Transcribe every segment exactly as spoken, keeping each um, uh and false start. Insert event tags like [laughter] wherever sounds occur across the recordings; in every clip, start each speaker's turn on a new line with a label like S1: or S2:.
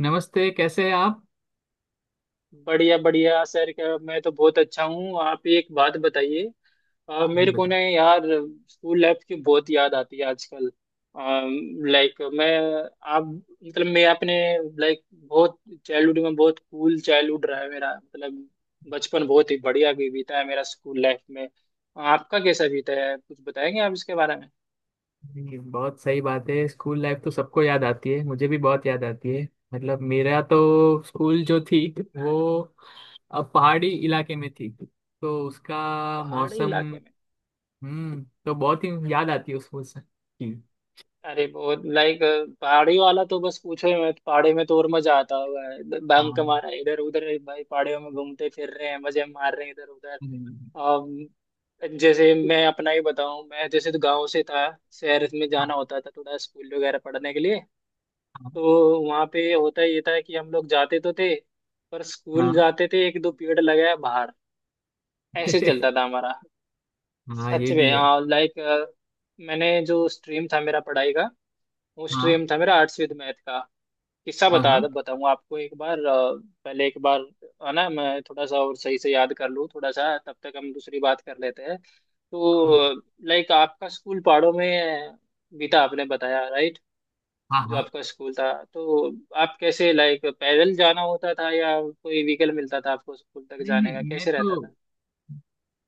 S1: नमस्ते, कैसे हैं आप?
S2: बढ़िया बढ़िया सर क्या मैं तो बहुत अच्छा हूँ। आप एक बात बताइए। अ,
S1: ये
S2: मेरे को ना
S1: बताओ।
S2: यार, स्कूल लाइफ की बहुत याद आती है आजकल। लाइक मैं, आप मतलब मैं अपने, लाइक बहुत चाइल्डहुड में बहुत कूल चाइल्डहुड रहा है मेरा, मतलब बचपन बहुत ही बढ़िया भी बीता है मेरा स्कूल लाइफ में। आपका कैसा बीता है, कुछ बताएंगे आप इसके बारे में?
S1: ये बहुत सही बात है। स्कूल लाइफ तो सबको याद आती है, मुझे भी बहुत याद आती है। मतलब मेरा तो स्कूल जो थी वो अब पहाड़ी इलाके में थी, तो उसका
S2: पहाड़ी
S1: मौसम।
S2: इलाके में।
S1: हम्म तो बहुत ही याद आती है उस मौसम की।
S2: अरे बहुत लाइक पहाड़ी वाला तो बस पूछो ही मत, पहाड़ी में तो और मजा आता हुआ है, बंक
S1: हाँ।
S2: मारा इधर उधर भाई, पहाड़ियों में घूमते फिर रहे हैं, मजे मार रहे हैं इधर उधर।
S1: हम्म।
S2: अम, जैसे मैं अपना ही बताऊं, मैं जैसे तो गांव से था, शहर में
S1: हाँ
S2: जाना होता था थोड़ा स्कूल वगैरह पढ़ने के लिए।
S1: हाँ।
S2: तो वहाँ पे होता ये था कि हम लोग जाते तो थे, पर स्कूल
S1: हाँ।
S2: जाते थे एक दो पीरियड लगाया, बाहर ऐसे चलता था
S1: [laughs]
S2: हमारा।
S1: हाँ, ये
S2: सच में।
S1: भी है।
S2: लाइक मैंने जो स्ट्रीम था मेरा पढ़ाई का, वो
S1: हाँ
S2: स्ट्रीम था मेरा आर्ट्स विद मैथ का। किस्सा
S1: हाँ।
S2: बता
S1: हाँ
S2: बताऊं आपको एक बार। अ, पहले एक बार, है ना, मैं थोड़ा सा और सही से याद कर लूँ, थोड़ा सा तब तक हम दूसरी बात कर लेते हैं।
S1: हाँ।
S2: तो लाइक आपका स्कूल पहाड़ों में बीता, आपने बताया, राइट।
S1: हाँ
S2: जो
S1: हाँ।
S2: आपका स्कूल था, तो आप कैसे, लाइक, पैदल जाना होता था या कोई व्हीकल मिलता था आपको स्कूल तक
S1: नहीं
S2: जाने का,
S1: नहीं, मैं
S2: कैसे
S1: तो
S2: रहता था?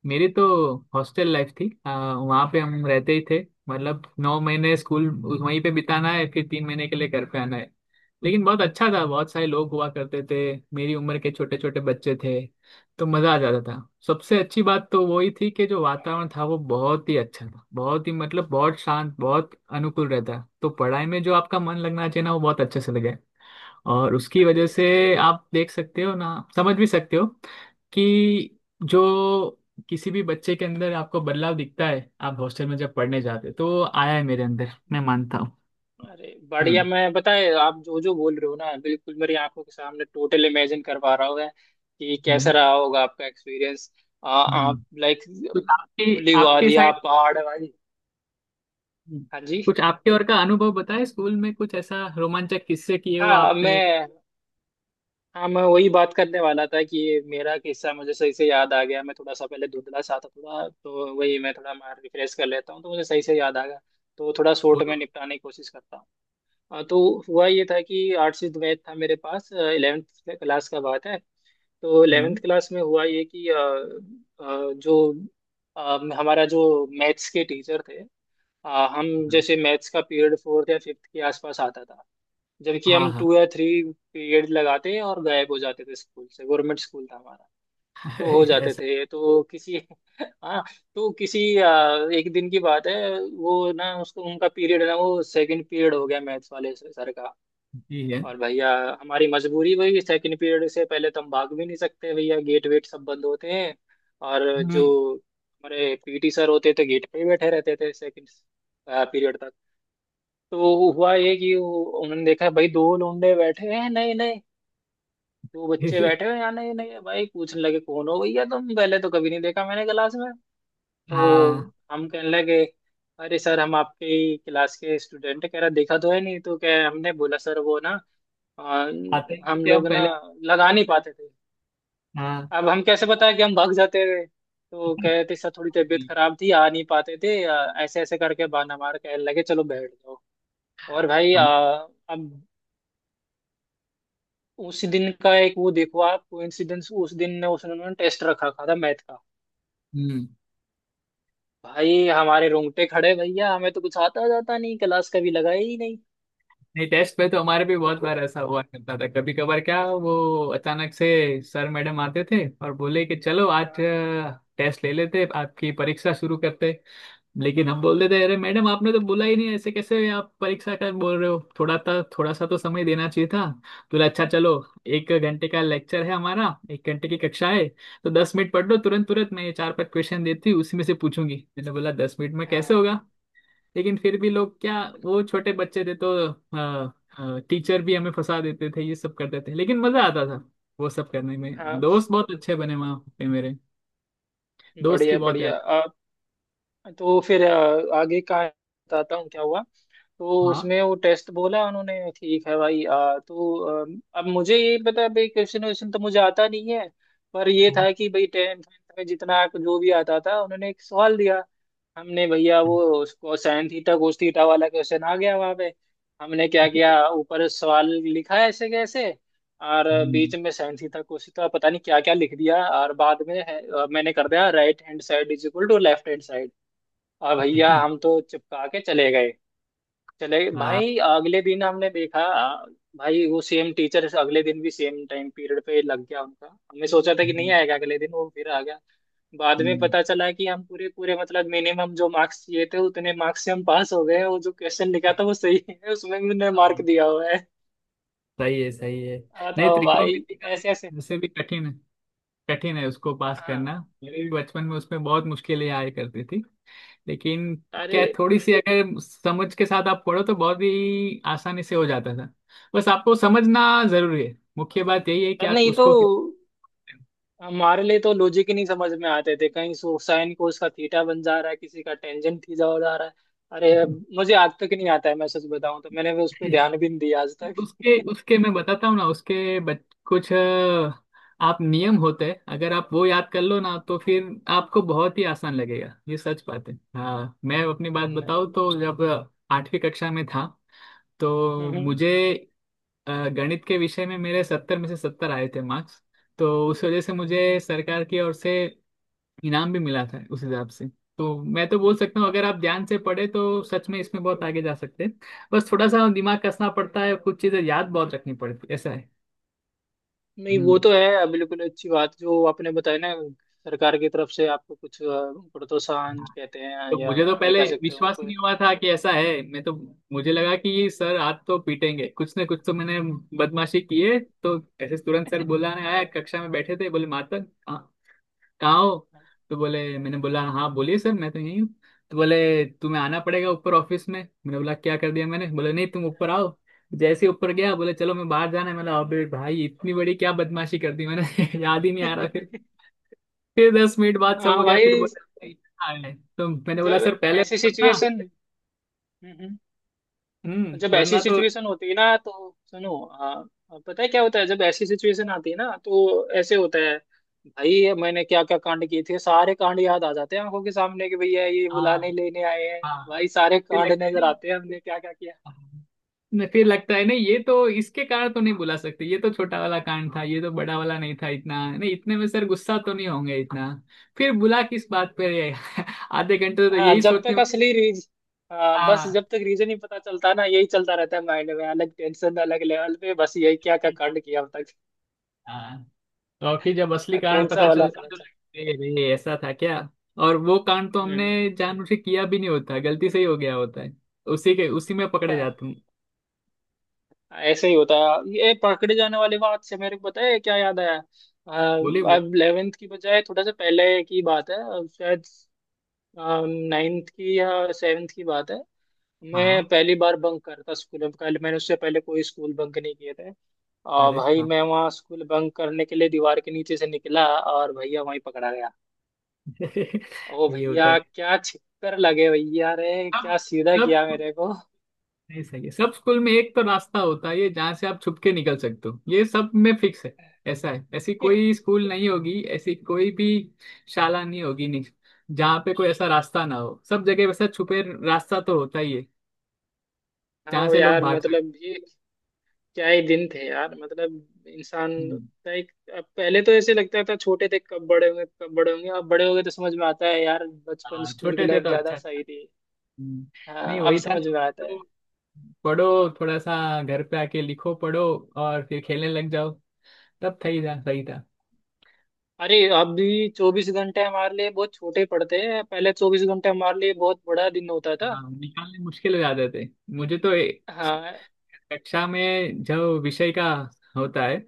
S1: मेरी तो हॉस्टल लाइफ थी। आ, वहाँ पे हम रहते ही थे। मतलब नौ महीने स्कूल वहीं पे बिताना है, फिर तीन महीने के लिए घर पे आना है। लेकिन बहुत अच्छा था, बहुत सारे लोग हुआ करते थे। मेरी उम्र के छोटे छोटे बच्चे थे, तो मज़ा आ जाता था। सबसे अच्छी बात तो वही थी कि जो वातावरण था वो बहुत ही अच्छा था, बहुत ही मतलब बहुत शांत, बहुत अनुकूल रहता, तो पढ़ाई में जो आपका मन लगना चाहिए ना वो बहुत अच्छे से लगे। और उसकी
S2: अरे
S1: वजह से आप देख सकते हो ना, समझ भी सकते हो कि जो किसी भी बच्चे के अंदर आपको बदलाव दिखता है आप हॉस्टल में जब पढ़ने जाते हो, तो वो आया है मेरे अंदर, मैं मानता हूँ।
S2: अरे बढ़िया।
S1: हम्म।
S2: मैं बताए, आप जो जो बोल रहे हो ना बिल्कुल मेरी आंखों के सामने टोटल इमेजिन कर पा रहा हूँ मैं, कि कैसा
S1: हम्म।
S2: रहा होगा आपका एक्सपीरियंस।
S1: हम्म।
S2: आप लाइक
S1: तो आपके
S2: खुली
S1: आपके
S2: वादियाँ
S1: साइड।
S2: पहाड़ वाली।
S1: हम्म।
S2: हाँ जी।
S1: कुछ आपके और का अनुभव बताए, स्कूल में कुछ ऐसा रोमांचक किस्से किए हो
S2: हाँ
S1: आपने?
S2: मैं हाँ मैं वही बात करने वाला था कि ये मेरा किस्सा मुझे सही से याद आ गया। मैं थोड़ा सा पहले धुंधला सा था थोड़ा, तो वही मैं थोड़ा मार रिफ्रेश कर लेता हूँ, तो मुझे सही से याद आ गया। तो थोड़ा शॉर्ट
S1: बोलो।
S2: में निपटाने की कोशिश करता हूँ। हाँ, तो हुआ ये था कि आर्ट्स विद मैथ था मेरे पास, इलेवेंथ क्लास का बात है। तो इलेवेंथ
S1: हम्म।
S2: क्लास में हुआ ये कि, अ, अ, जो अ, हमारा जो मैथ्स के टीचर थे, अ, हम
S1: हम्म।
S2: जैसे मैथ्स का पीरियड फोर्थ या फिफ्थ के आसपास आता था, जबकि
S1: हाँ
S2: हम
S1: हाँ।
S2: टू या थ्री पीरियड लगाते और गायब हो जाते थे स्कूल से। गवर्नमेंट स्कूल था हमारा, तो हो
S1: [laughs]
S2: जाते
S1: ऐसा।
S2: थे। तो किसी [laughs] हाँ, तो किसी अ, एक दिन की बात है, वो ना उसको उनका पीरियड ना वो सेकंड पीरियड हो गया मैथ्स वाले सर का।
S1: ही है
S2: और भैया, हमारी मजबूरी वही है, सेकंड पीरियड से पहले तो हम भाग भी नहीं सकते, भैया गेट वेट सब बंद होते हैं। और जो
S1: हम्म।
S2: हमारे पीटी सर होते थे गेट पे ही बैठे रहते थे सेकंड पीरियड तक। तो हुआ ये कि वो- उन्होंने देखा भाई दो लौंडे बैठे हैं, नहीं नहीं, दो बच्चे बैठे हुए हैं,
S1: [laughs]
S2: यहाँ। नहीं नहीं भाई पूछने लगे कौन हो भैया तुम, पहले तो कभी नहीं देखा मैंने क्लास में। तो
S1: हाँ,
S2: हम कहने लगे, अरे सर हम आपके ही क्लास के स्टूडेंट हैं। कह रहा देखा तो है नहीं, तो क्या, हमने बोला सर वो ना आ,
S1: आते ही
S2: हम
S1: थे हम
S2: लोग ना
S1: पहले।
S2: लगा नहीं पाते थे।
S1: हाँ।
S2: अब हम कैसे बताए कि हम भाग जाते थे, तो
S1: [laughs]
S2: कहते सर थोड़ी तबीयत खराब थी, आ नहीं पाते थे, आ, ऐसे ऐसे करके बहाना मार के लगे चलो बैठ जाओ। और भाई आ,
S1: हमारे-
S2: अब उस दिन का एक वो देखो आप कोइंसिडेंस, उस दिन ने उसने टेस्ट रखा था, था मैथ का।
S1: हम्म।
S2: भाई हमारे रोंगटे खड़े, भैया हमें तो कुछ आता जाता नहीं, क्लास कभी लगाई ही नहीं।
S1: नहीं, टेस्ट पे तो हमारे भी बहुत
S2: तो
S1: बार ऐसा हुआ करता था। कभी कभार क्या वो अचानक से सर मैडम आते थे और बोले कि चलो आज
S2: हाँ
S1: टेस्ट ले लेते, आपकी परीक्षा शुरू करते। लेकिन हम बोल देते, अरे मैडम आपने तो बोला ही नहीं, ऐसे कैसे आप परीक्षा का बोल रहे हो, थोड़ा था थोड़ा सा तो समय देना चाहिए था। तो बोला, अच्छा चलो, एक घंटे का लेक्चर है हमारा, एक घंटे की कक्षा है, तो दस मिनट पढ़ लो तुरंत तुरंत, मैं ये चार पांच क्वेश्चन देती हूँ उसी में से पूछूंगी। मैंने बोला, दस मिनट में
S2: हाँ
S1: कैसे
S2: हाँ
S1: होगा? लेकिन फिर भी लोग क्या, वो छोटे बच्चे थे तो टीचर भी हमें फंसा देते थे, ये सब करते थे, लेकिन मजा आता था वो सब करने में।
S2: हाँ,
S1: दोस्त बहुत अच्छे बने वहां पे मेरे, दोस्त की
S2: बढ़िया
S1: बहुत
S2: बढ़िया।
S1: याद।
S2: तो फिर अ, आगे का बताता हूँ क्या हुआ। तो
S1: हाँ
S2: उसमें वो टेस्ट बोला उन्होंने, ठीक है भाई, आ, तो अम, अब मुझे ये पता है भाई, क्वेश्चन वेश्चन तो मुझे आता नहीं है, पर ये था
S1: हाँ।
S2: कि भाई टेंथ में जितना जो भी आता था, उन्होंने एक सवाल दिया। हमने भैया
S1: हाँ।
S2: वो उसको साइन थीटा cos थीटा वाला क्वेश्चन आ गया वहां पे। हमने क्या किया, ऊपर सवाल लिखा ऐसे कैसे, और
S1: हम्म।
S2: बीच में साइन थीटा cos थीटा पता नहीं क्या क्या लिख दिया, और बाद में है, अ, मैंने कर दिया right hand side is equal to left hand side, और भैया हम
S1: [laughs]
S2: तो चिपका के चले गए। चले
S1: हाँ।
S2: भाई, अगले दिन हमने देखा भाई वो सेम टीचर अगले दिन भी सेम टाइम पीरियड पे लग गया उनका, हमने सोचा था कि नहीं
S1: हम्म।
S2: आएगा अगले दिन, वो फिर आ गया। बाद में
S1: हम्म।
S2: पता चला कि हम पूरे पूरे मतलब मिनिमम जो मार्क्स चाहिए थे उतने मार्क्स से हम पास हो गए, वो जो क्वेश्चन लिखा था वो सही है, उसमें भी उन्होंने मार्क दिया हुआ है।
S1: सही है सही है। नहीं,
S2: बताओ भाई।
S1: त्रिकोणमिति का
S2: ऐसे ऐसे।
S1: विषय वैसे भी कठिन है, कठिन है उसको पास
S2: हाँ।
S1: करना। मेरे भी बचपन में उसमें बहुत मुश्किलें आया करती थी। लेकिन क्या
S2: अरे
S1: है, थोड़ी सी अगर समझ के साथ आप पढ़ो तो बहुत ही आसानी से हो जाता था। बस आपको समझना जरूरी है, मुख्य बात यही है कि आप
S2: नहीं, तो
S1: उसको [laughs]
S2: हमारे लिए तो लॉजिक ही नहीं समझ में आते थे, कहीं सो साइन कोस का थीटा बन जा रहा है, किसी का टेंजेंट थीटा हो जा रहा है। अरे मुझे आज तक नहीं आता है, मैं सच बताऊं तो मैंने भी उस पर ध्यान भी नहीं दिया आज
S1: उसके
S2: तक। [laughs]
S1: उसके मैं बताता हूँ ना, उसके बच, कुछ अ, आप नियम होते हैं, अगर आप वो याद कर लो ना तो फिर आपको बहुत ही आसान लगेगा। ये सच बात है। हाँ, मैं अपनी बात
S2: नहीं।
S1: बताऊँ तो जब आठवीं कक्षा में था, तो
S2: हम्म।
S1: मुझे अ, गणित के विषय में मेरे सत्तर में से सत्तर आए थे मार्क्स। तो उस वजह से मुझे सरकार की ओर से इनाम भी मिला था उस हिसाब से। तो मैं तो बोल सकता हूँ, अगर आप ध्यान से पढ़े तो सच में इसमें बहुत
S2: हम्म।
S1: आगे जा सकते हैं। बस थोड़ा सा दिमाग कसना पड़ता है, कुछ चीजें याद बहुत रखनी पड़ती है, ऐसा है।
S2: नहीं वो
S1: हम्म।
S2: तो है, बिल्कुल अच्छी बात जो आपने बताया ना। सरकार की तरफ से आपको कुछ अ, प्रोत्साहन
S1: हाँ,
S2: कहते हैं,
S1: तो
S2: या
S1: मुझे तो
S2: ये
S1: पहले
S2: कह सकते हो
S1: विश्वास ही
S2: कोई।
S1: नहीं हुआ था कि ऐसा है। मैं तो मुझे लगा कि सर आज तो पीटेंगे, कुछ ना कुछ तो मैंने बदमाशी की है, तो ऐसे तुरंत सर बुलाने आया। कक्षा में बैठे थे, बोले, मातक कहाँ हो? तो बोले, मैंने बोला, हाँ बोलिए सर, मैं तो यहीं हूँ। तो बोले, तुम्हें आना पड़ेगा ऊपर ऑफिस में। मैंने बोला, क्या कर दिया मैंने? बोले, नहीं तुम ऊपर आओ। जैसे ही ऊपर गया, बोले, चलो मैं बाहर जाना है। मैंने बोला, अबे भाई इतनी बड़ी क्या बदमाशी कर दी मैंने? [laughs] याद ही नहीं आ रहा फिर।
S2: [laughs]
S1: फिर दस मिनट बाद सब
S2: हाँ
S1: हो गया, फिर
S2: भाई।
S1: बोला, भाई, आए। तो मैंने बोला,
S2: जब
S1: सर पहले
S2: ऐसी
S1: बताना।
S2: सिचुएशन जब
S1: हम्म,
S2: ऐसी
S1: वरना तो।
S2: सिचुएशन होती है ना, तो सुनो, आ, पता है क्या होता है, जब ऐसी सिचुएशन आती है ना तो ऐसे होता है। भाई मैंने क्या क्या कांड किए थे, सारे कांड याद आ जाते हैं आंखों के सामने, कि भैया ये
S1: हाँ
S2: बुलाने लेने आए हैं।
S1: हाँ।
S2: भाई सारे
S1: फिर
S2: कांड
S1: लगता है,
S2: नजर आते हैं हमने क्या क्या किया।
S1: न फिर लगता है नहीं, ये तो इसके कारण तो नहीं बुला सकते, ये तो छोटा वाला कांड था, ये तो बड़ा वाला नहीं था इतना, नहीं इतने में सर गुस्सा तो नहीं होंगे इतना। फिर बुला किस बात पर है? आधे घंटे तो
S2: हाँ,
S1: यही
S2: जब
S1: सोचने
S2: तक
S1: में।
S2: असली रीज हाँ बस
S1: हाँ
S2: जब तक रीजन ही पता चलता ना यही चलता रहता है माइंड में, अलग टेंशन अलग लेवल पे, बस यही क्या क्या कांड किया अब तक।
S1: हाँ। तो और फिर जब असली कारण
S2: कौन सा
S1: पता
S2: वाला
S1: चलता
S2: पता
S1: तो
S2: चला।
S1: लगता है, अरे ये ऐसा था क्या। और वो कांड तो हमने जानबूझ के किया भी नहीं होता, गलती से ही हो गया होता है, उसी के उसी में पकड़े
S2: हम्म।
S1: जाते हैं।
S2: ऐसे ही होता है, ये पकड़े जाने वाली बात से मेरे को पता है क्या याद आया। अ,
S1: बोले बोले।
S2: अब इलेवेंथ की बजाय थोड़ा सा पहले की बात है, अ, शायद नाइन्थ की या सेवेंथ की बात है।
S1: हाँ।
S2: मैं पहली बार बंक करता स्कूल में, कल मैंने उससे पहले कोई स्कूल बंक नहीं किए थे। आ,
S1: अरे
S2: भाई
S1: हाँ।
S2: मैं वहाँ स्कूल बंक करने के लिए दीवार के नीचे से निकला और भैया वहीं पकड़ा गया।
S1: [laughs]
S2: ओ
S1: यही
S2: भैया
S1: होता है।
S2: क्या छिक्कर लगे भैया रे,
S1: तब।
S2: क्या सीधा किया
S1: तब।
S2: मेरे को।
S1: नहीं, सही है। सब स्कूल में एक तो रास्ता होता है ये, जहाँ से आप छुप के निकल सकते हो, ये सब में फिक्स है। ऐसा है। ऐसी कोई
S2: [laughs]
S1: स्कूल नहीं होगी, ऐसी कोई भी शाला नहीं होगी, नहीं जहाँ पे कोई ऐसा रास्ता ना हो। सब जगह वैसा छुपे रास्ता तो होता ही है, जहाँ
S2: हाँ
S1: से लोग
S2: यार,
S1: भाग सकते
S2: मतलब ये क्या ही दिन थे यार, मतलब इंसान,
S1: हैं। हम्म।
S2: लाइक अब पहले तो ऐसे लगता था छोटे थे कब बड़े होंगे कब बड़े होंगे, अब बड़े हो गए तो समझ में आता है यार, बचपन
S1: हाँ,
S2: स्कूल की
S1: छोटे थे
S2: लाइफ
S1: तो
S2: ज्यादा
S1: अच्छा था।
S2: सही थी।
S1: हम्म। नहीं
S2: हाँ, अब
S1: वही था ना,
S2: समझ में आता है।
S1: तो पढ़ो थोड़ा सा, घर पे आके लिखो पढ़ो, और फिर खेलने लग जाओ। तब सही था सही था।
S2: अरे अब भी चौबीस घंटे हमारे लिए बहुत छोटे पड़ते हैं, पहले चौबीस घंटे हमारे लिए बहुत बड़ा दिन होता था।
S1: हाँ, निकालने मुश्किल हो जाते थे। मुझे तो
S2: हाँ।
S1: कक्षा में जो विषय का होता है,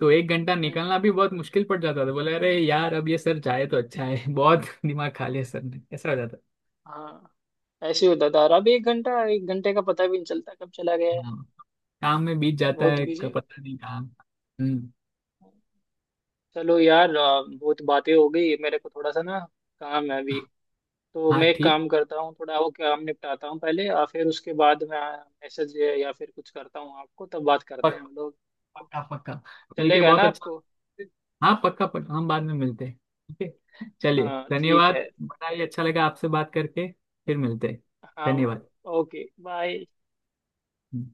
S1: तो एक घंटा
S2: हम्म।
S1: निकालना भी बहुत मुश्किल पड़ जाता था, बोले, अरे यार अब ये सर जाए तो अच्छा है। [laughs] बहुत दिमाग खा लिया सर ने, ऐसा हो जाता है।
S2: हाँ। ऐसे होता था, और अब एक घंटा एक घंटे का पता भी नहीं चलता कब चला गया है।
S1: हाँ, काम में बीत जाता
S2: बहुत
S1: है। क-
S2: बिजी।
S1: पता नहीं काम। हम्म।
S2: चलो यार, अ, बहुत बातें हो गई, मेरे को थोड़ा सा ना काम है अभी, तो
S1: हाँ
S2: मैं एक
S1: ठीक।
S2: काम करता हूँ, थोड़ा वो काम निपटाता हूँ पहले, और फिर उसके बाद मैं मैसेज या फिर कुछ करता हूँ आपको, तब बात करते हैं
S1: पक,
S2: हम लोग।
S1: पक्का पक्का। मिलके
S2: चलेगा ना
S1: बहुत अच्छा।
S2: आपको?
S1: [laughs] हाँ पक्का पक्का, हम बाद में मिलते हैं। ठीक है, चलिए
S2: हाँ ठीक
S1: धन्यवाद,
S2: है।
S1: बताइए, अच्छा लगा आपसे बात करके, फिर मिलते हैं।
S2: हाँ।
S1: धन्यवाद।
S2: Okay bye.
S1: हम्म।